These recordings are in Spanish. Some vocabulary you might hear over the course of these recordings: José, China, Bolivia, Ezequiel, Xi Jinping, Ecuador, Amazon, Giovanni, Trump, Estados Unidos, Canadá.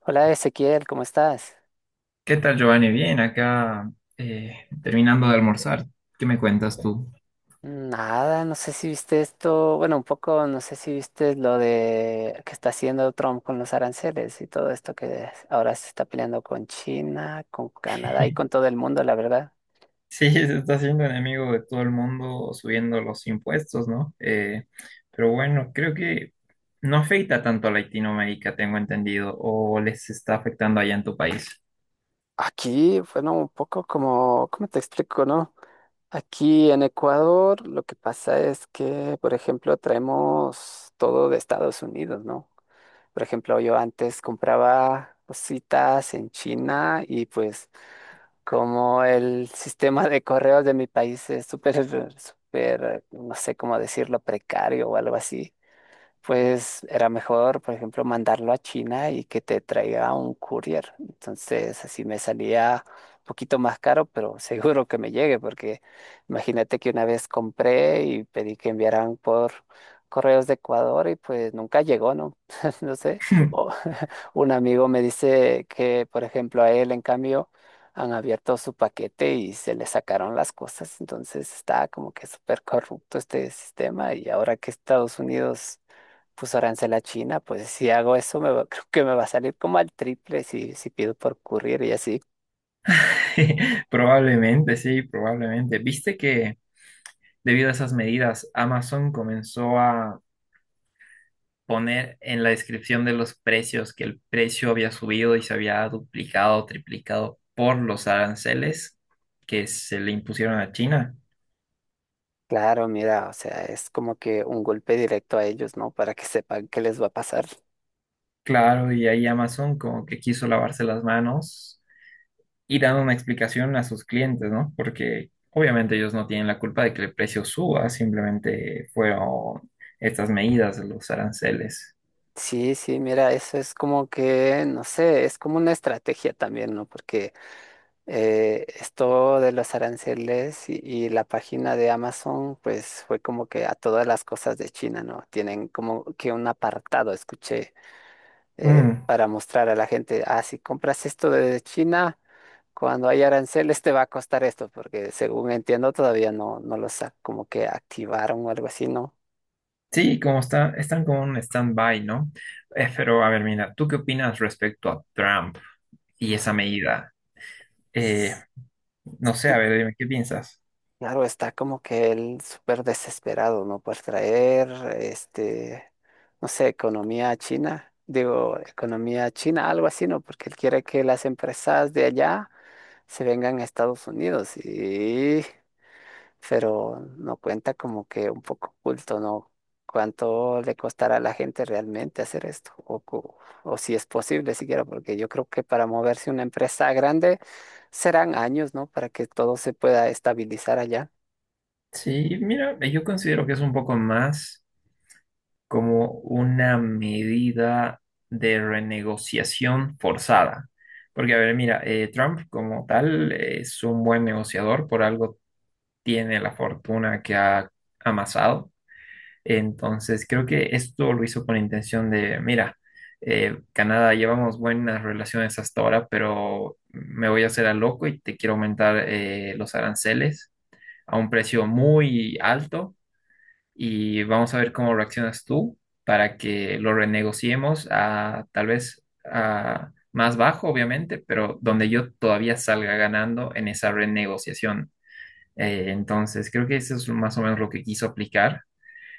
Hola Ezequiel, ¿cómo estás? ¿Qué tal, Giovanni? Bien, acá eh, terminando de almorzar. ¿Qué me cuentas tú? Nada, no sé si viste esto, bueno, un poco, no sé si viste lo de que está haciendo Trump con los aranceles y todo esto que ahora se está peleando con China, con Canadá y con todo el mundo, la verdad. Sí, se está haciendo enemigo de todo el mundo subiendo los impuestos, ¿no? Pero bueno, creo que no afecta tanto a Latinoamérica, tengo entendido, o les está afectando allá en tu país. Aquí, bueno, un poco como, ¿cómo te explico, no? Aquí en Ecuador lo que pasa es que, por ejemplo, traemos todo de Estados Unidos, ¿no? Por ejemplo, yo antes compraba cositas en China y pues como el sistema de correos de mi país es súper, súper, no sé cómo decirlo, precario o algo así, pues era mejor, por ejemplo, mandarlo a China y que te traiga un courier. Entonces, así me salía un poquito más caro, pero seguro que me llegue, porque imagínate que una vez compré y pedí que enviaran por correos de Ecuador y pues nunca llegó, ¿no? No sé. O un amigo me dice que, por ejemplo, a él, en cambio, han abierto su paquete y se le sacaron las cosas. Entonces, está como que súper corrupto este sistema y ahora que Estados Unidos puso arancel a China, pues si hago eso, creo que me va a salir como al triple si pido por courier y así. Probablemente, sí, probablemente. ¿Viste que debido a esas medidas, Amazon comenzó a poner en la descripción de los precios que el precio había subido y se había duplicado o triplicado por los aranceles que se le impusieron a China? Claro, mira, o sea, es como que un golpe directo a ellos, ¿no? Para que sepan qué les va a pasar. Claro, y ahí Amazon como que quiso lavarse las manos y dando una explicación a sus clientes, ¿no? Porque obviamente ellos no tienen la culpa de que el precio suba, simplemente fueron estas medidas de los aranceles. Sí, sí, mira, eso es como que, no sé, es como una estrategia también, ¿no? Porque esto de los aranceles y la página de Amazon, pues fue como que a todas las cosas de China, ¿no? Tienen como que un apartado, escuché Mm. para mostrar a la gente, ah, si compras esto de China, cuando hay aranceles te va a costar esto, porque según entiendo todavía no, como que activaron o algo así, ¿no? Sí, como está, están como en un stand-by, ¿no? Pero a ver, mira, ¿tú qué opinas respecto a Trump y esa medida? Eh, S- no sé, su- a ver, dime, ¿qué piensas? Claro, está como que él súper desesperado, ¿no? Por traer, este, no sé, economía a china, digo, economía a china, algo así, ¿no? Porque él quiere que las empresas de allá se vengan a Estados Unidos y pero no cuenta como que un poco oculto, ¿no? ¿Cuánto le costará a la gente realmente hacer esto? O, o si es posible siquiera, porque yo creo que para moverse una empresa grande serán años, ¿no? Para que todo se pueda estabilizar allá. Sí, mira, yo considero que es un poco más como una medida de renegociación forzada. Porque, a ver, mira, Trump como tal es un buen negociador, por algo tiene la fortuna que ha amasado. Entonces, creo que esto lo hizo con intención de, mira, Canadá, llevamos buenas relaciones hasta ahora, pero me voy a hacer a loco y te quiero aumentar los aranceles a un precio muy alto y vamos a ver cómo reaccionas tú para que lo renegociemos a tal vez a más bajo, obviamente, pero donde yo todavía salga ganando en esa renegociación. Entonces, creo que eso es más o menos lo que quiso aplicar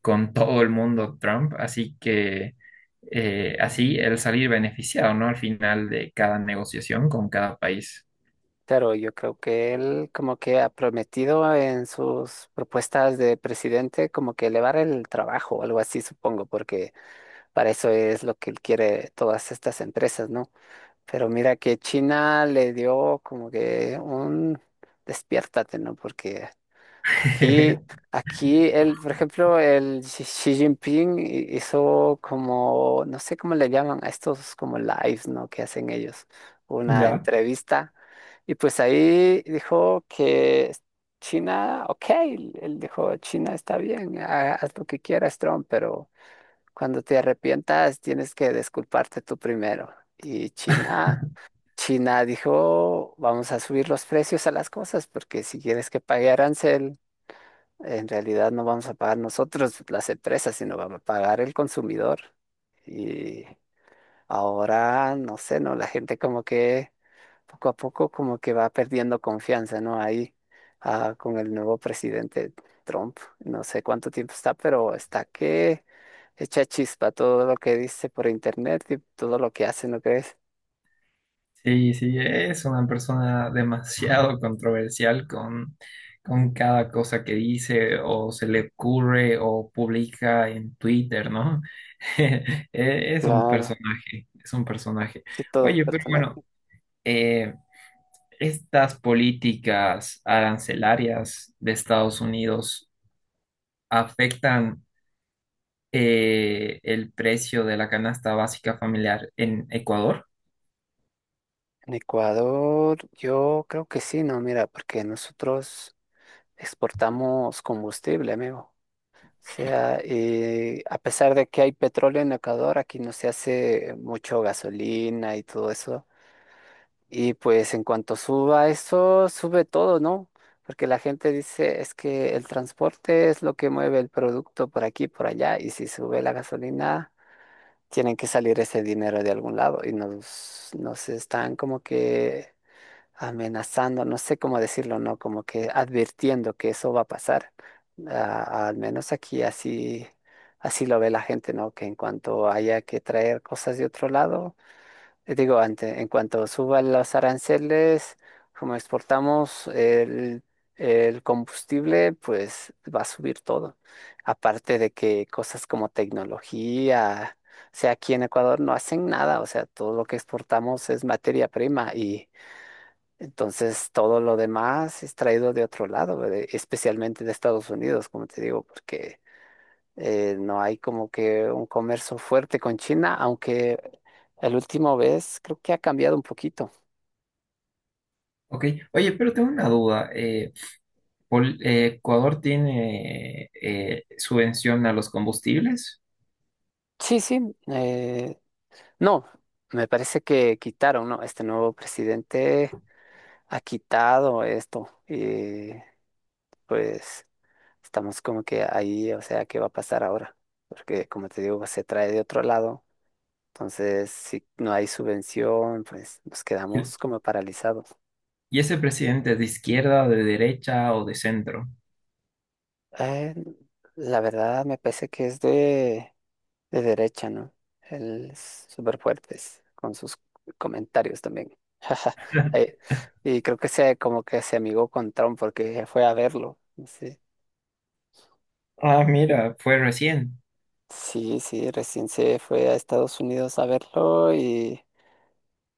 con todo el mundo Trump, así que así el salir beneficiado, ¿no? Al final de cada negociación con cada país. Pero yo creo que él como que ha prometido en sus propuestas de presidente como que elevar el trabajo o algo así, supongo, porque para eso es lo que él quiere todas estas empresas, ¿no? Pero mira que China le dio como que un despiértate, ¿no? Porque aquí, aquí él, por ejemplo, el Xi Jinping hizo como, no sé cómo le llaman a estos como lives, ¿no? Que hacen ellos, una Ya. entrevista. Y pues ahí dijo que China, ok, él dijo, China está bien, haz lo que quieras, Trump, pero cuando te arrepientas tienes que disculparte tú primero. Y China... China dijo, vamos a subir los precios a las cosas, porque si quieres que pague arancel, en realidad no vamos a pagar nosotros las empresas, sino vamos a pagar el consumidor. Y ahora, no sé, ¿no? La gente como que poco a poco como que va perdiendo confianza, ¿no? Ahí con el nuevo presidente Trump, no sé cuánto tiempo está, pero está que echa chispa todo lo que dice por internet y todo lo que hace, ¿no crees? Sí, sí, es una persona demasiado controversial con cada cosa que dice o se le ocurre o publica en Twitter, ¿no? Eh, Es un Claro, personaje, es un personaje. sí, todo Oye, pero personal. bueno, eh, ¿estas políticas arancelarias de Estados Unidos afectan el precio de la canasta básica familiar en Ecuador? En Ecuador, yo creo que sí, no, mira, porque nosotros exportamos combustible, amigo. O sea, a pesar de que hay petróleo en Ecuador, aquí no se hace mucho gasolina y todo eso. Y pues en cuanto suba eso, sube todo, ¿no? Porque la gente dice, es que el transporte es lo que mueve el producto por aquí, por allá, y si sube la gasolina, tienen que salir ese dinero de algún lado y nos están como que amenazando, no sé cómo decirlo, ¿no? Como que advirtiendo que eso va a pasar. Ah, al menos aquí así, así lo ve la gente, ¿no? Que en cuanto haya que traer cosas de otro lado, digo, ante, en cuanto suban los aranceles, como exportamos el combustible, pues va a subir todo. Aparte de que cosas como tecnología... O sea, aquí en Ecuador no hacen nada, o sea, todo lo que exportamos es materia prima y entonces, todo lo demás es traído de otro lado, ¿verdad? Especialmente de Estados Unidos, como te digo, porque no hay como que un comercio fuerte con China, aunque el último vez creo que ha cambiado un poquito. Ok, oye, pero tengo una duda. ¿Ecuador tiene subvención a los combustibles? Sí, sí, no, me parece que quitaron, ¿no? Este nuevo presidente ha quitado esto y pues estamos como que ahí, o sea, ¿qué va a pasar ahora? Porque como te digo, se trae de otro lado. Entonces, si no hay subvención, pues nos ¿Y quedamos como paralizados. y ese presidente es de izquierda, de derecha o de centro? Eh, la verdad me parece que es de derecha, ¿no? Él es súper fuerte con sus comentarios también. Eh, Y creo que se, como que se amigó con Trump porque fue a verlo. Sí, Ah, mira, fue recién. sí, sí, recién se fue a Estados Unidos a verlo y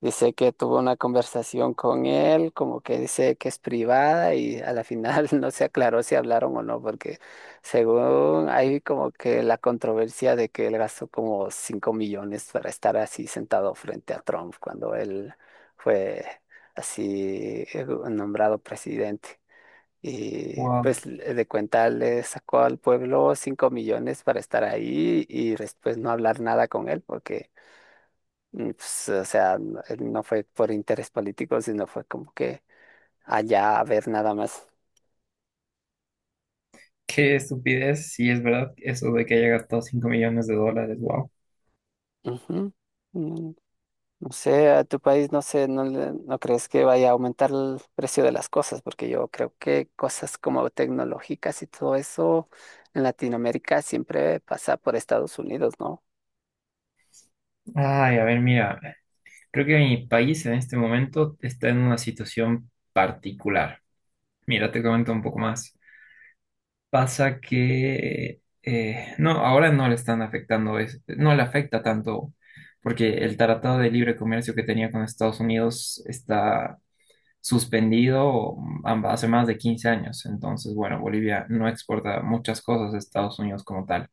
dice que tuvo una conversación con él, como que dice que es privada y a la final no se aclaró si hablaron o no, porque según hay como que la controversia de que él gastó como 5 millones para estar así sentado frente a Trump cuando él fue así nombrado presidente. Y Wow, pues de cuenta le sacó al pueblo 5 millones para estar ahí y después no hablar nada con él porque y, pues, o sea, no no fue por interés político, sino fue como que allá a ver nada más. qué estupidez. Sí, es verdad, eso de que haya gastado 5 millones de dólares. Wow. Ujú. Mm, no sé, a tu país, no sé, no, no crees que vaya a aumentar el precio de las cosas, porque yo creo que cosas como tecnológicas y todo eso en Latinoamérica siempre pasa por Estados Unidos, ¿no? Ay, a ver, mira, creo que mi país en este momento está en una situación particular. Mira, te comento un poco más. Pasa que, no, ahora no le están afectando, no le afecta tanto, porque el Tratado de Libre Comercio que tenía con Estados Unidos está suspendido hace más de 15 años. Entonces, bueno, Bolivia no exporta muchas cosas a Estados Unidos como tal.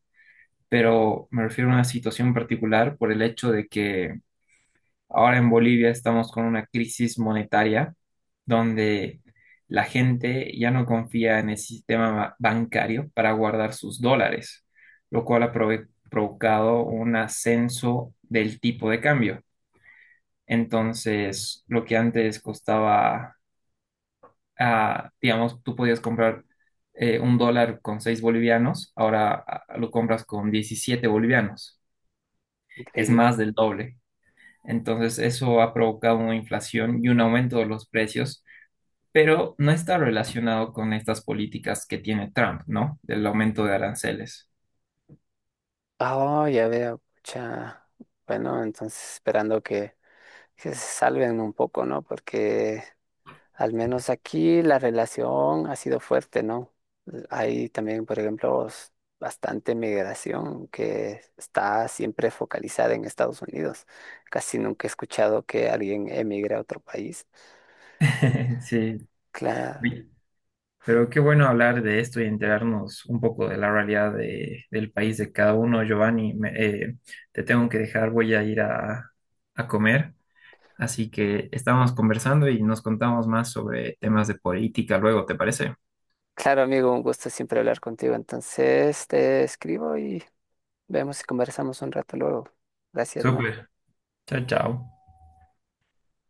Pero me refiero a una situación particular por el hecho de que ahora en Bolivia estamos con una crisis monetaria donde la gente ya no confía en el sistema bancario para guardar sus dólares, lo cual ha provocado un ascenso del tipo de cambio. Entonces, lo que antes costaba, ah, digamos, tú podías comprar un dólar con 6 bolivianos, ahora ah, lo compras con 17 bolivianos. Es Increíble. más del doble. Entonces, eso ha provocado una inflación y un aumento de los precios, pero no está relacionado con estas políticas que tiene Trump, ¿no? Del aumento de aranceles. Oh, ya veo, pucha. Bueno, entonces esperando que se salven un poco, ¿no? Porque al menos aquí la relación ha sido fuerte, ¿no? Hay también, por ejemplo, bastante migración que está siempre focalizada en Estados Unidos. Casi nunca he escuchado que alguien emigre a otro país. Sí. Claro, Oye, pero qué bueno hablar de esto y enterarnos un poco de la realidad del país de cada uno. Giovanni, te tengo que dejar, voy a ir a comer. Así que estamos conversando y nos contamos más sobre temas de política luego, ¿te parece? claro, amigo, un gusto siempre hablar contigo. Entonces te escribo y vemos si conversamos un rato luego. Gracias, Súper. ¿no? Chao, chao.